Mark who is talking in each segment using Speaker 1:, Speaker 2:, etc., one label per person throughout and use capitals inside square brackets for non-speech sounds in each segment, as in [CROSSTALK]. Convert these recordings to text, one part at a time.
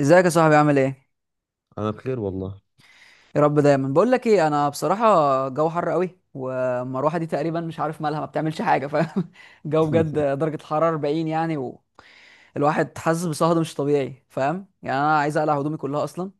Speaker 1: ازيك يا صاحبي؟ عامل ايه؟
Speaker 2: انا بخير والله.
Speaker 1: يا رب. دايما بقول لك ايه، انا بصراحه جو حر قوي، والمروحه دي تقريبا مش عارف مالها، ما بتعملش حاجه، فاهم؟ [LAUGHS] الجو بجد
Speaker 2: [LAUGHS]
Speaker 1: درجه الحراره 40 يعني، والواحد حاسس بصهد مش طبيعي، فاهم؟ يعني انا عايز اقلع هدومي كلها اصلا،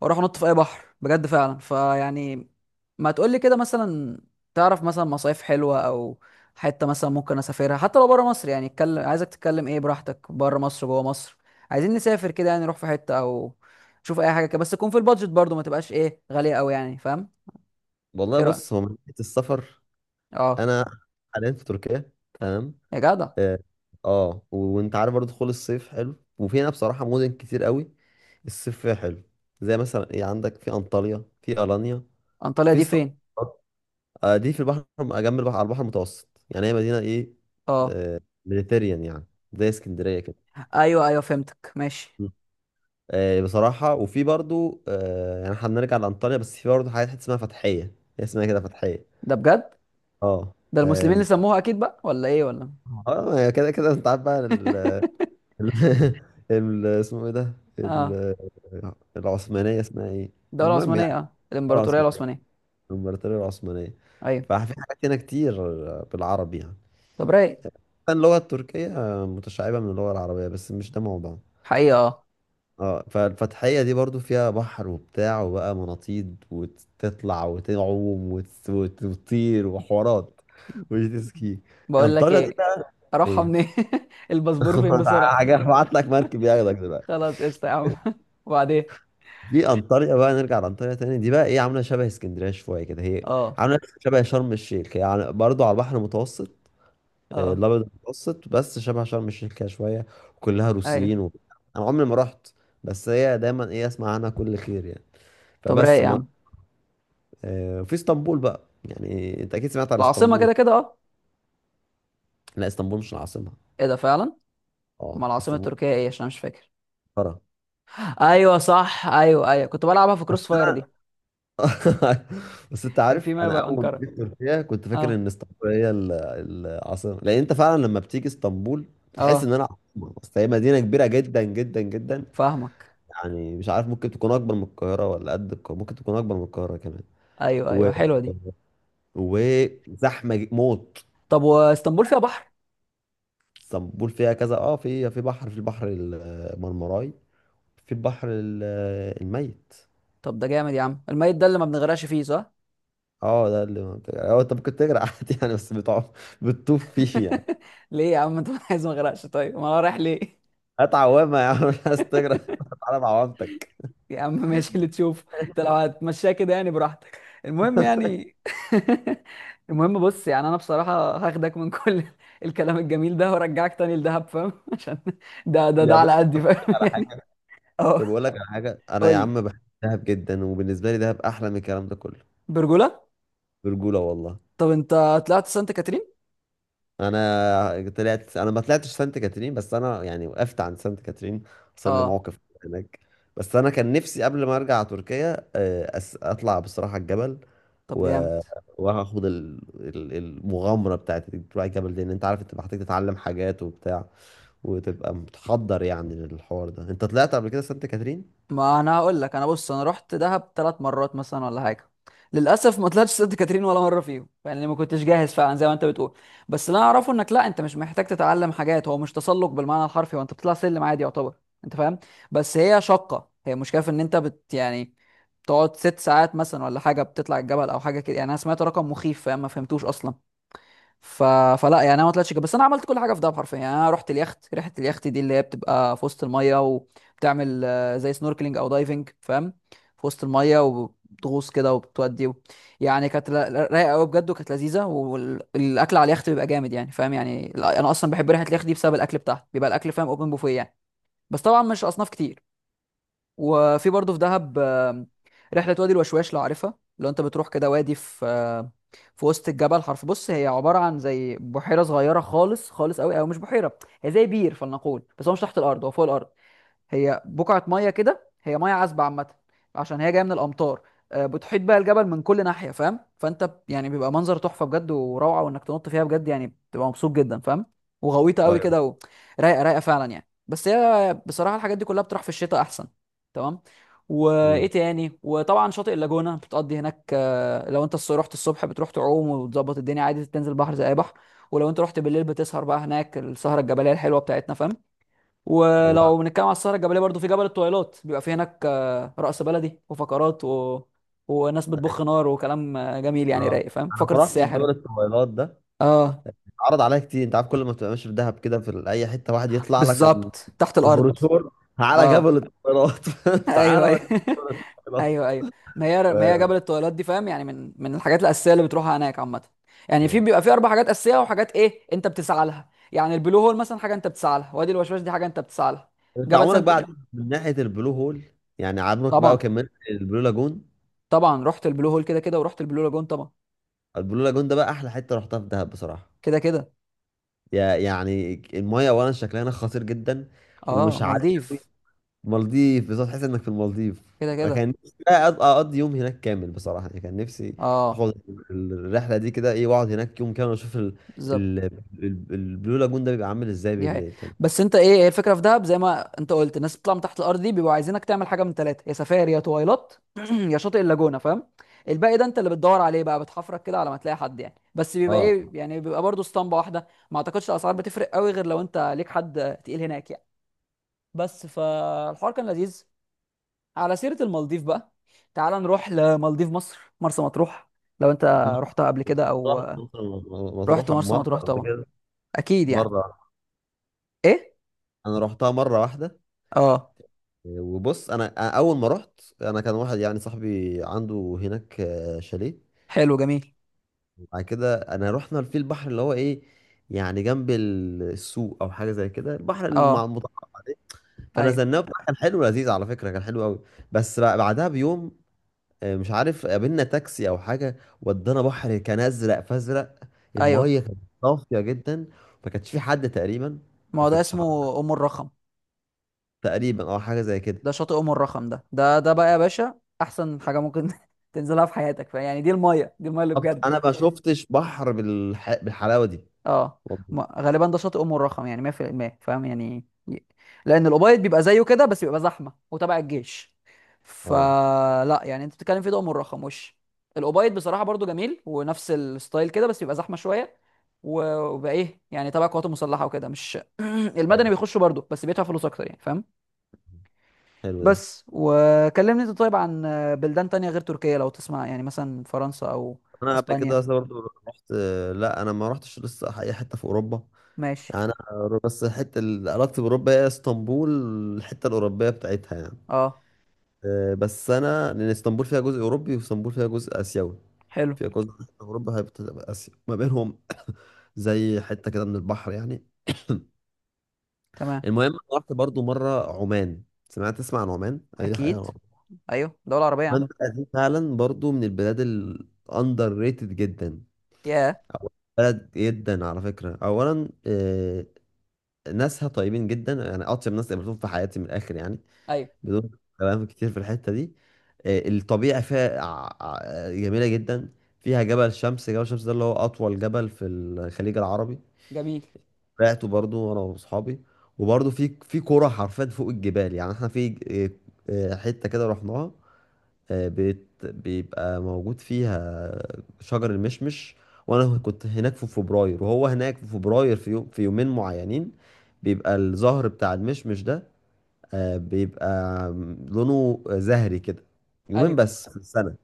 Speaker 1: واروح انط في اي بحر بجد فعلا، فيعني ما تقول لي كده مثلا، تعرف مثلا مصايف حلوه، او حته مثلا ممكن اسافرها حتى لو بره مصر. يعني اتكلم، عايزك تتكلم ايه براحتك، بره مصر، جوه مصر. عايزين نسافر كده، يعني نروح في حته او نشوف اي حاجه كده، بس تكون في البادجت برضو، ما تبقاش ايه غاليه قوي، يعني فاهم؟
Speaker 2: والله
Speaker 1: ايه رايك؟
Speaker 2: بص، هو من ناحيه السفر
Speaker 1: اه.
Speaker 2: انا حاليا في تركيا. تمام.
Speaker 1: يا جدع.
Speaker 2: اه. آه، و- وانت عارف برضه دخول الصيف حلو، وفي هنا بصراحه مدن كتير قوي الصيف فيها حلو. زي مثلا ايه، عندك في انطاليا، في الانيا،
Speaker 1: انطاليا
Speaker 2: في
Speaker 1: دي
Speaker 2: اسطنبول.
Speaker 1: فين؟
Speaker 2: دي في البحر، جنب البحر، على البحر المتوسط يعني. هي مدينه ايه،
Speaker 1: اه.
Speaker 2: ميديتيريان يعني، زي اسكندريه كده.
Speaker 1: ايوه ايوه فهمتك، ماشي.
Speaker 2: م. بصراحه وفي برضه يعني هنرجع لانطاليا، بس في برضه حاجات حتة اسمها فتحيه. هي اسمها كده فتحيه.
Speaker 1: ده بجد؟
Speaker 2: اه.
Speaker 1: ده المسلمين اللي سموها اكيد بقى، ولا ايه؟ ولا
Speaker 2: اه هي كده كده، انت عارف بقى ال
Speaker 1: [LAUGHS]
Speaker 2: ال [LAUGHS] اسمه ايه ده،
Speaker 1: اه.
Speaker 2: ال- العثمانية اسمها ايه.
Speaker 1: الدوله
Speaker 2: المهم يعني،
Speaker 1: العثمانيه، اه
Speaker 2: الدولة
Speaker 1: الامبراطوريه
Speaker 2: العثمانية،
Speaker 1: العثمانيه.
Speaker 2: الامبراطورية العثمانية.
Speaker 1: ايوه.
Speaker 2: ففي حاجات هنا كتير بالعربي يعني،
Speaker 1: طب رايق.
Speaker 2: كان اللغة التركية متشعبة من اللغة العربية، بس مش ده موضوع.
Speaker 1: حقيقة اه.
Speaker 2: اه، فالفتحية دي برضو فيها بحر وبتاع وبقى مناطيد وتطلع وتعوم وتطير وحوارات وجيت سكي.
Speaker 1: بقول لك
Speaker 2: انطاليا دي
Speaker 1: ايه،
Speaker 2: بقى
Speaker 1: اروحها
Speaker 2: ايه،
Speaker 1: منين؟ [LAUGHS] الباسبور فين
Speaker 2: [LAUGHS]
Speaker 1: بسرعة؟
Speaker 2: حاجة هبعت لك مركب ياخدك دلوقتي.
Speaker 1: خلاص، قشطة يا عم. [LAUGHS] وبعدين؟
Speaker 2: دي انطاليا بقى، نرجع لانطاليا تاني، دي بقى ايه، عامله شبه اسكندريه شويه كده هي،
Speaker 1: اه.
Speaker 2: عامله شبه شرم الشيخ هي، يعني برضه على البحر المتوسط.
Speaker 1: اه.
Speaker 2: الابيض المتوسط، بس شبه شرم الشيخ كده شويه، وكلها روسيين
Speaker 1: ايوه.
Speaker 2: و... انا عمري ما رحت، بس هي دايما ايه، اسمع عنها كل خير يعني.
Speaker 1: طب
Speaker 2: فبس
Speaker 1: رايق يا
Speaker 2: ما
Speaker 1: عم.
Speaker 2: في اسطنبول بقى، يعني انت اكيد سمعت عن
Speaker 1: العاصمة
Speaker 2: اسطنبول.
Speaker 1: كده كده، اه.
Speaker 2: لا، اسطنبول مش العاصمه.
Speaker 1: ايه ده فعلا؟ ما
Speaker 2: اه،
Speaker 1: العاصمة
Speaker 2: اسطنبول
Speaker 1: التركية ايه؟ عشان أنا مش فاكر.
Speaker 2: قاره
Speaker 1: ايوه صح، ايوه ايوه، كنت بلعبها في كروس فاير
Speaker 2: بس.
Speaker 1: دي.
Speaker 2: [LAUGHS] بس انت
Speaker 1: كان في،
Speaker 2: عارف،
Speaker 1: ما
Speaker 2: انا
Speaker 1: يبقى
Speaker 2: اول ما
Speaker 1: انقرة.
Speaker 2: جيت تركيا كنت فاكر
Speaker 1: اه.
Speaker 2: ان اسطنبول هي العاصمه، لان انت فعلا لما بتيجي اسطنبول بتحس ان
Speaker 1: اه
Speaker 2: انا عاصمه. بس هي مدينه كبيره جدا جدا جدا،
Speaker 1: فاهمك.
Speaker 2: يعني مش عارف، ممكن تكون اكبر من القاهره، ولا قد القاهره، ممكن تكون اكبر من القاهره كمان.
Speaker 1: ايوه
Speaker 2: و...
Speaker 1: ايوه حلوة دي.
Speaker 2: وزحمه موت.
Speaker 1: طب واسطنبول فيها بحر؟
Speaker 2: اسطنبول فيها كذا، اه، في بحر، في البحر المرمراي، في البحر الميت.
Speaker 1: طب ده جامد يا عم. الميت ده اللي ما بنغرقش فيه، صح؟
Speaker 2: اه ده اللي هو، انت ممكن تجري [LAUGHS] عادي يعني، بس بتقعد بتطوف فيه يعني.
Speaker 1: [LAUGHS] ليه يا عم؟ [LAUGHS] انت عايز ما اغرقش؟ طيب ما انا رايح ليه؟
Speaker 2: هات عوامه يا عم، [LAUGHS] مش عايز تجري. [LAUGHS] تعالى بعوامتك.
Speaker 1: يا عم ماشي، اللي تشوفه. انت لو هتمشيها كده، يعني براحتك، المهم يعني. [LAUGHS] المهم بص، يعني انا بصراحه هاخدك من كل [LAUGHS] الكلام الجميل ده، وارجعك تاني لدهب، فاهم؟ [LAUGHS] عشان ده
Speaker 2: يا
Speaker 1: على
Speaker 2: باشا
Speaker 1: قدي،
Speaker 2: طب أقول لك
Speaker 1: فاهم؟ [LAUGHS]
Speaker 2: على
Speaker 1: يعني
Speaker 2: حاجه،
Speaker 1: اه.
Speaker 2: طب اقول لك على حاجه، انا
Speaker 1: قول
Speaker 2: يا
Speaker 1: لي.
Speaker 2: عم بحب دهب جدا، وبالنسبه لي دهب احلى من الكلام ده كله.
Speaker 1: برجوله.
Speaker 2: برجوله والله.
Speaker 1: طب انت طلعت سانت كاترين؟
Speaker 2: انا طلعت، انا ما طلعتش سانت كاترين، بس انا يعني وقفت عن سانت كاترين. حصل لي
Speaker 1: اه.
Speaker 2: موقف هناك، بس انا كان نفسي قبل ما ارجع تركيا اطلع بصراحه الجبل،
Speaker 1: طب
Speaker 2: و...
Speaker 1: جامد.
Speaker 2: وهاخد المغامرة بتاعت إنك تروح الجبل دي. ان انت عارف انت محتاج تتعلم حاجات وبتاع، وتبقى متحضر يعني للحوار ده. انت طلعت قبل كده سانت كاترين؟
Speaker 1: ما انا هقول لك. انا بص، انا رحت دهب ثلاث مرات مثلا ولا حاجه، للاسف ما طلعتش سانت كاترين ولا مره فيهم، يعني ما كنتش جاهز فعلا زي ما انت بتقول. بس اللي انا اعرفه، انك لا، انت مش محتاج تتعلم حاجات. هو مش تسلق بالمعنى الحرفي، هو انت بتطلع سلم عادي يعتبر، انت فاهم؟ بس هي شاقه، هي مشكله في ان انت بت، يعني تقعد ست ساعات مثلا ولا حاجه بتطلع الجبل، او حاجه كده، يعني انا سمعت رقم مخيف، فاهم؟ ما فهمتوش اصلا. ف... فلا يعني انا ما طلعتش كده، بس انا عملت كل حاجه في دهب حرفيا. يعني انا رحت اليخت، رحله اليخت دي اللي هي بتبقى في وسط الميه وبتعمل زي سنوركلينج او دايفنج، فاهم؟ في وسط الميه وبتغوص كده وبتودي يعني كانت رايقه قوي بجد، وكانت لذيذه، والاكل على اليخت بيبقى جامد، يعني فاهم يعني. انا اصلا بحب رحله اليخت دي بسبب الاكل بتاعها، بيبقى الاكل فاهم اوبن بوفيه يعني. بس طبعا مش اصناف كتير. وفي برضه في دهب رحلة وادي الوشواش لو عارفها. لو انت بتروح كده وادي في، في وسط الجبل حرف. بص هي عبارة عن زي بحيرة صغيرة خالص، خالص قوي، او مش بحيرة، هي زي بير، فلنقول. بس هو مش تحت الارض، هو فوق الارض. هي بقعة مية كده، هي مية عذبة عامة، عشان هي جاية من الأمطار. بتحيط بقى الجبل من كل ناحية، فاهم؟ فأنت يعني بيبقى منظر تحفة بجد، وروعة، وإنك تنط فيها بجد، يعني بتبقى مبسوط جدا، فاهم؟ وغويطة قوي كده
Speaker 2: ايوه.
Speaker 1: رايقة رايقة فعلا يعني. بس هي بصراحة الحاجات دي كلها بتروح في الشتاء أحسن. تمام. وإيه
Speaker 2: مم.
Speaker 1: تاني؟ وطبعا شاطئ اللاجونة بتقضي هناك. لو أنت رحت الصبح بتروح تعوم وتظبط الدنيا عادي، تنزل بحر زي أي بحر. ولو أنت رحت بالليل بتسهر بقى هناك السهرة الجبلية الحلوة بتاعتنا، فاهم؟
Speaker 2: الله.
Speaker 1: ولو بنتكلم على السهره الجبليه برضو، في جبل الطويلات بيبقى فيه هناك رقص بلدي وفقرات وناس بتبخ نار وكلام جميل، يعني
Speaker 2: آه.
Speaker 1: رايق، فاهم؟
Speaker 2: انا
Speaker 1: فقره
Speaker 2: ما رحتش
Speaker 1: الساحر.
Speaker 2: جبل الطويلات ده،
Speaker 1: اه
Speaker 2: اتعرض عليا كتير. انت عارف، كل ما تبقى ماشي في دهب كده في اي حتة، واحد يطلع لك
Speaker 1: بالظبط، تحت الارض.
Speaker 2: البروشور، تعالى
Speaker 1: اه
Speaker 2: جبل الطويلات
Speaker 1: [LAUGHS]
Speaker 2: [LAUGHS]
Speaker 1: ايوه
Speaker 2: تعالى
Speaker 1: ايوه
Speaker 2: وديك جبل
Speaker 1: [LAUGHS]
Speaker 2: الطويلات.
Speaker 1: ايوه ايوه. ما هي
Speaker 2: و-
Speaker 1: جبل الطويلات دي فاهم، يعني من الحاجات الاساسيه اللي بتروحها هناك عامه. يعني في،
Speaker 2: آه.
Speaker 1: بيبقى في اربع حاجات اساسيه، وحاجات ايه انت بتسعى لها، يعني البلو هول مثلا حاجه انت بتسعى لها، وادي الوشواش دي حاجه انت بتسعى لها،
Speaker 2: انت
Speaker 1: جبل
Speaker 2: عمرك
Speaker 1: سانت
Speaker 2: بقى عديت
Speaker 1: كده.
Speaker 2: من ناحية البلو هول، يعني عمرك بقى
Speaker 1: طبعا،
Speaker 2: كملت البلو لاجون.
Speaker 1: طبعا رحت البلو هول كده كده، ورحت البلو لاجون طبعا.
Speaker 2: البلو لاجون ده بقى احلى حته رحتها في دهب بصراحه.
Speaker 1: كده كده.
Speaker 2: يا يعني المايه اولا شكلها هناك خطير جدا،
Speaker 1: اه
Speaker 2: ومش عالي قوي.
Speaker 1: مالديف.
Speaker 2: مالديف، بالظبط تحس انك في المالديف.
Speaker 1: كده كده
Speaker 2: كان نفسي بقى اقضي يوم هناك كامل بصراحه، يعني كان نفسي
Speaker 1: اه
Speaker 2: اخد الرحله دي كده ايه، واقعد هناك يوم كامل واشوف ال...
Speaker 1: بالظبط.
Speaker 2: ال... البلو لاجون ده بيبقى عامل ازاي
Speaker 1: دي هي.
Speaker 2: بالليل كان.
Speaker 1: بس انت، ايه هي الفكره في دهب زي ما انت قلت، الناس بتطلع من تحت الارض دي بيبقوا عايزينك تعمل حاجه من ثلاثه، يا سفاري، يا تويلات، [CLEARS THROAT] يا شاطئ اللاجونه، فاهم؟ الباقي ده انت اللي بتدور عليه بقى، بتحفرك كده على ما تلاقي حد، يعني بس بيبقى
Speaker 2: اه.
Speaker 1: ايه، يعني بيبقى برضه اسطمبه واحده، ما اعتقدش الاسعار بتفرق قوي، غير لو انت ليك حد تقيل هناك يعني. بس فالحوار كان لذيذ. على سيره المالديف بقى، تعال نروح لمالديف مصر، مرسى مطروح. لو انت رحتها قبل كده او،
Speaker 2: مطروح،
Speaker 1: رحت
Speaker 2: مطروح
Speaker 1: مرسى
Speaker 2: بمره
Speaker 1: مطروح
Speaker 2: قبل
Speaker 1: طبعا،
Speaker 2: كده.
Speaker 1: اكيد يعني.
Speaker 2: مره،
Speaker 1: ايه؟
Speaker 2: انا رحتها مره واحده.
Speaker 1: اه.
Speaker 2: وبص انا، اول ما رحت انا كان واحد يعني صاحبي عنده هناك شاليه.
Speaker 1: حلو جميل.
Speaker 2: بعد كده انا رحنا في البحر اللي هو ايه، يعني جنب السوق او حاجه زي كده، البحر
Speaker 1: اه
Speaker 2: المتعارف عليه.
Speaker 1: ايوه
Speaker 2: فنزلناه بقى، كان حلو لذيذ، على فكره كان حلو قوي. بس بقى بعدها بيوم مش عارف قابلنا تاكسي او حاجه ودانا بحر، كان ازرق فازرق.
Speaker 1: ايوه.
Speaker 2: الميه كانت صافيه جدا، ما كانش في حد تقريبا،
Speaker 1: ما
Speaker 2: ما
Speaker 1: هو ده
Speaker 2: كانش
Speaker 1: اسمه
Speaker 2: حد-
Speaker 1: ام الرخم.
Speaker 2: تقريبا او حاجه زي كده.
Speaker 1: ده شاطئ ام الرخم، ده بقى يا باشا احسن حاجه ممكن [LAUGHS] تنزلها في حياتك، يعني دي الميه، دي الميه اللي
Speaker 2: طب
Speaker 1: بجد.
Speaker 2: انا ما شفتش بحر بالحلاوه دي
Speaker 1: اه
Speaker 2: والله.
Speaker 1: غالبا ده شاطئ ام الرخم يعني 100%، فاهم يعني لان الابيض بيبقى زيه كده، بس بيبقى زحمه وتبع الجيش،
Speaker 2: اه.
Speaker 1: فلا يعني انت بتتكلم في ده، ام الرخم وش الابيض بصراحه برضو جميل ونفس الستايل كده، بس بيبقى زحمه شويه، وبقى ايه يعني، تبع القوات المسلحه وكده، مش [CLEARS THROAT] المدني
Speaker 2: حلو،
Speaker 1: بيخشوا برضو، بس بيدفع فلوس اكتر، يعني فاهم؟
Speaker 2: حلو ده.
Speaker 1: بس وكلمني انت طيب عن بلدان تانية غير تركيا لو تسمع، يعني مثلا فرنسا او
Speaker 2: انا قبل كده
Speaker 1: اسبانيا.
Speaker 2: اصلا برضه رحت، لا انا ما رحتش لسه اي حته في اوروبا.
Speaker 1: ماشي.
Speaker 2: يعني انا بس الحته اللي علاقتي باوروبا هي اسطنبول، الحته الاوروبيه بتاعتها يعني.
Speaker 1: اه.
Speaker 2: بس انا لان اسطنبول فيها جزء اوروبي، واسطنبول فيها جزء اسيوي،
Speaker 1: حلو.
Speaker 2: فيها جزء اوروبا هيبقى اسيا ما بينهم. [COUGHS] زي حته كده من البحر يعني. [COUGHS]
Speaker 1: تمام.
Speaker 2: المهم أنا رحت برضو مره عمان. سمعت، تسمع عن عمان اي حاجه؟
Speaker 1: اكيد. ايوه دولة عربية يا عم.
Speaker 2: المنطقة دي فعلا برضو من البلاد الاندر ريتد جدا،
Speaker 1: ياه.
Speaker 2: أو بلد جدا على فكرة. أولا ناسها طيبين جدا، يعني أطيب ناس قابلتهم في حياتي من الآخر يعني،
Speaker 1: ايوه
Speaker 2: بدون كلام كتير في الحتة دي. الطبيعة فيها جميلة جدا، فيها جبل شمس. جبل شمس ده اللي هو أطول جبل في الخليج العربي،
Speaker 1: جميل.
Speaker 2: طلعته برضو أنا وأصحابي. وبرضو في قرى حرفيا فوق الجبال، يعني احنا في حتة كده رحناها بيت، بيبقى موجود فيها شجر المشمش، وانا كنت هناك في فبراير، وهو هناك في فبراير في يوم، في يومين معينين بيبقى الزهر بتاع المشمش ده بيبقى لونه زهري كده. يومين
Speaker 1: ايوه.
Speaker 2: بس في السنة،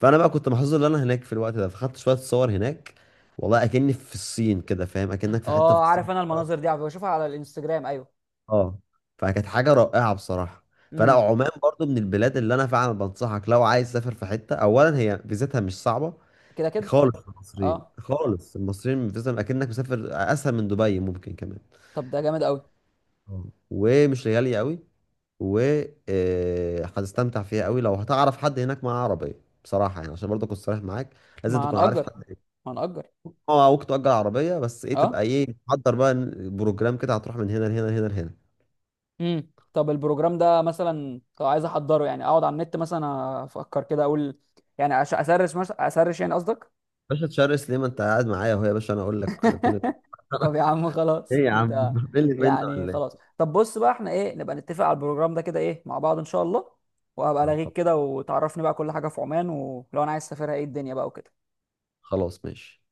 Speaker 2: فانا بقى كنت محظوظ ان انا هناك في الوقت ده، فخدت شوية صور هناك. والله اكني في الصين كده، فاهم اكنك في حتة في
Speaker 1: اه
Speaker 2: الصين.
Speaker 1: عارف، انا المناظر دي بشوفها على الانستجرام، ايوه.
Speaker 2: اه. فكانت حاجه رائعه بصراحه. فلا،
Speaker 1: امم.
Speaker 2: عمان برضو من البلاد اللي انا فعلا بنصحك، لو عايز تسافر في حته. اولا هي فيزتها مش صعبه
Speaker 1: كده كده.
Speaker 2: خالص، المصريين
Speaker 1: اه
Speaker 2: خالص، المصريين فيزتهم اكنك مسافر، اسهل من دبي ممكن كمان.
Speaker 1: طب ده جامد قوي.
Speaker 2: آه. ومش غاليه قوي، و هتستمتع فيها قوي. لو هتعرف حد هناك معاه عربيه بصراحه يعني، عشان برضه اكون صريح معاك، لازم
Speaker 1: ما
Speaker 2: تكون عارف
Speaker 1: هنأجر،
Speaker 2: حد.
Speaker 1: ما هنأجر.
Speaker 2: اه، ممكن تأجر عربيه، بس ايه تبقى
Speaker 1: اه.
Speaker 2: ايه، تحضر بقى بروجرام كده، هتروح من هنا لهنا لهنا لهنا.
Speaker 1: طب البروجرام ده مثلا لو عايز احضره، يعني اقعد على النت مثلا، افكر كده اقول، يعني اسرش مثلا، اسرش يعني قصدك؟
Speaker 2: باشا تشرس ليه، ما انت قاعد معايا اهو يا باشا، انا اقول لك كل ده.
Speaker 1: طب يا
Speaker 2: [LAUGHS]
Speaker 1: عم
Speaker 2: ايه
Speaker 1: خلاص
Speaker 2: يا
Speaker 1: انت،
Speaker 2: عم، ملي منه
Speaker 1: يعني
Speaker 2: ولا
Speaker 1: خلاص.
Speaker 2: ايه؟
Speaker 1: طب بص بقى، احنا ايه نبقى نتفق على البروجرام ده كده ايه مع بعض ان شاء الله، وهبقى الاغيك
Speaker 2: طب
Speaker 1: كده وتعرفني بقى كل حاجه في عمان، ولو انا عايز اسافرها ايه الدنيا بقى وكده.
Speaker 2: خلاص ماشي.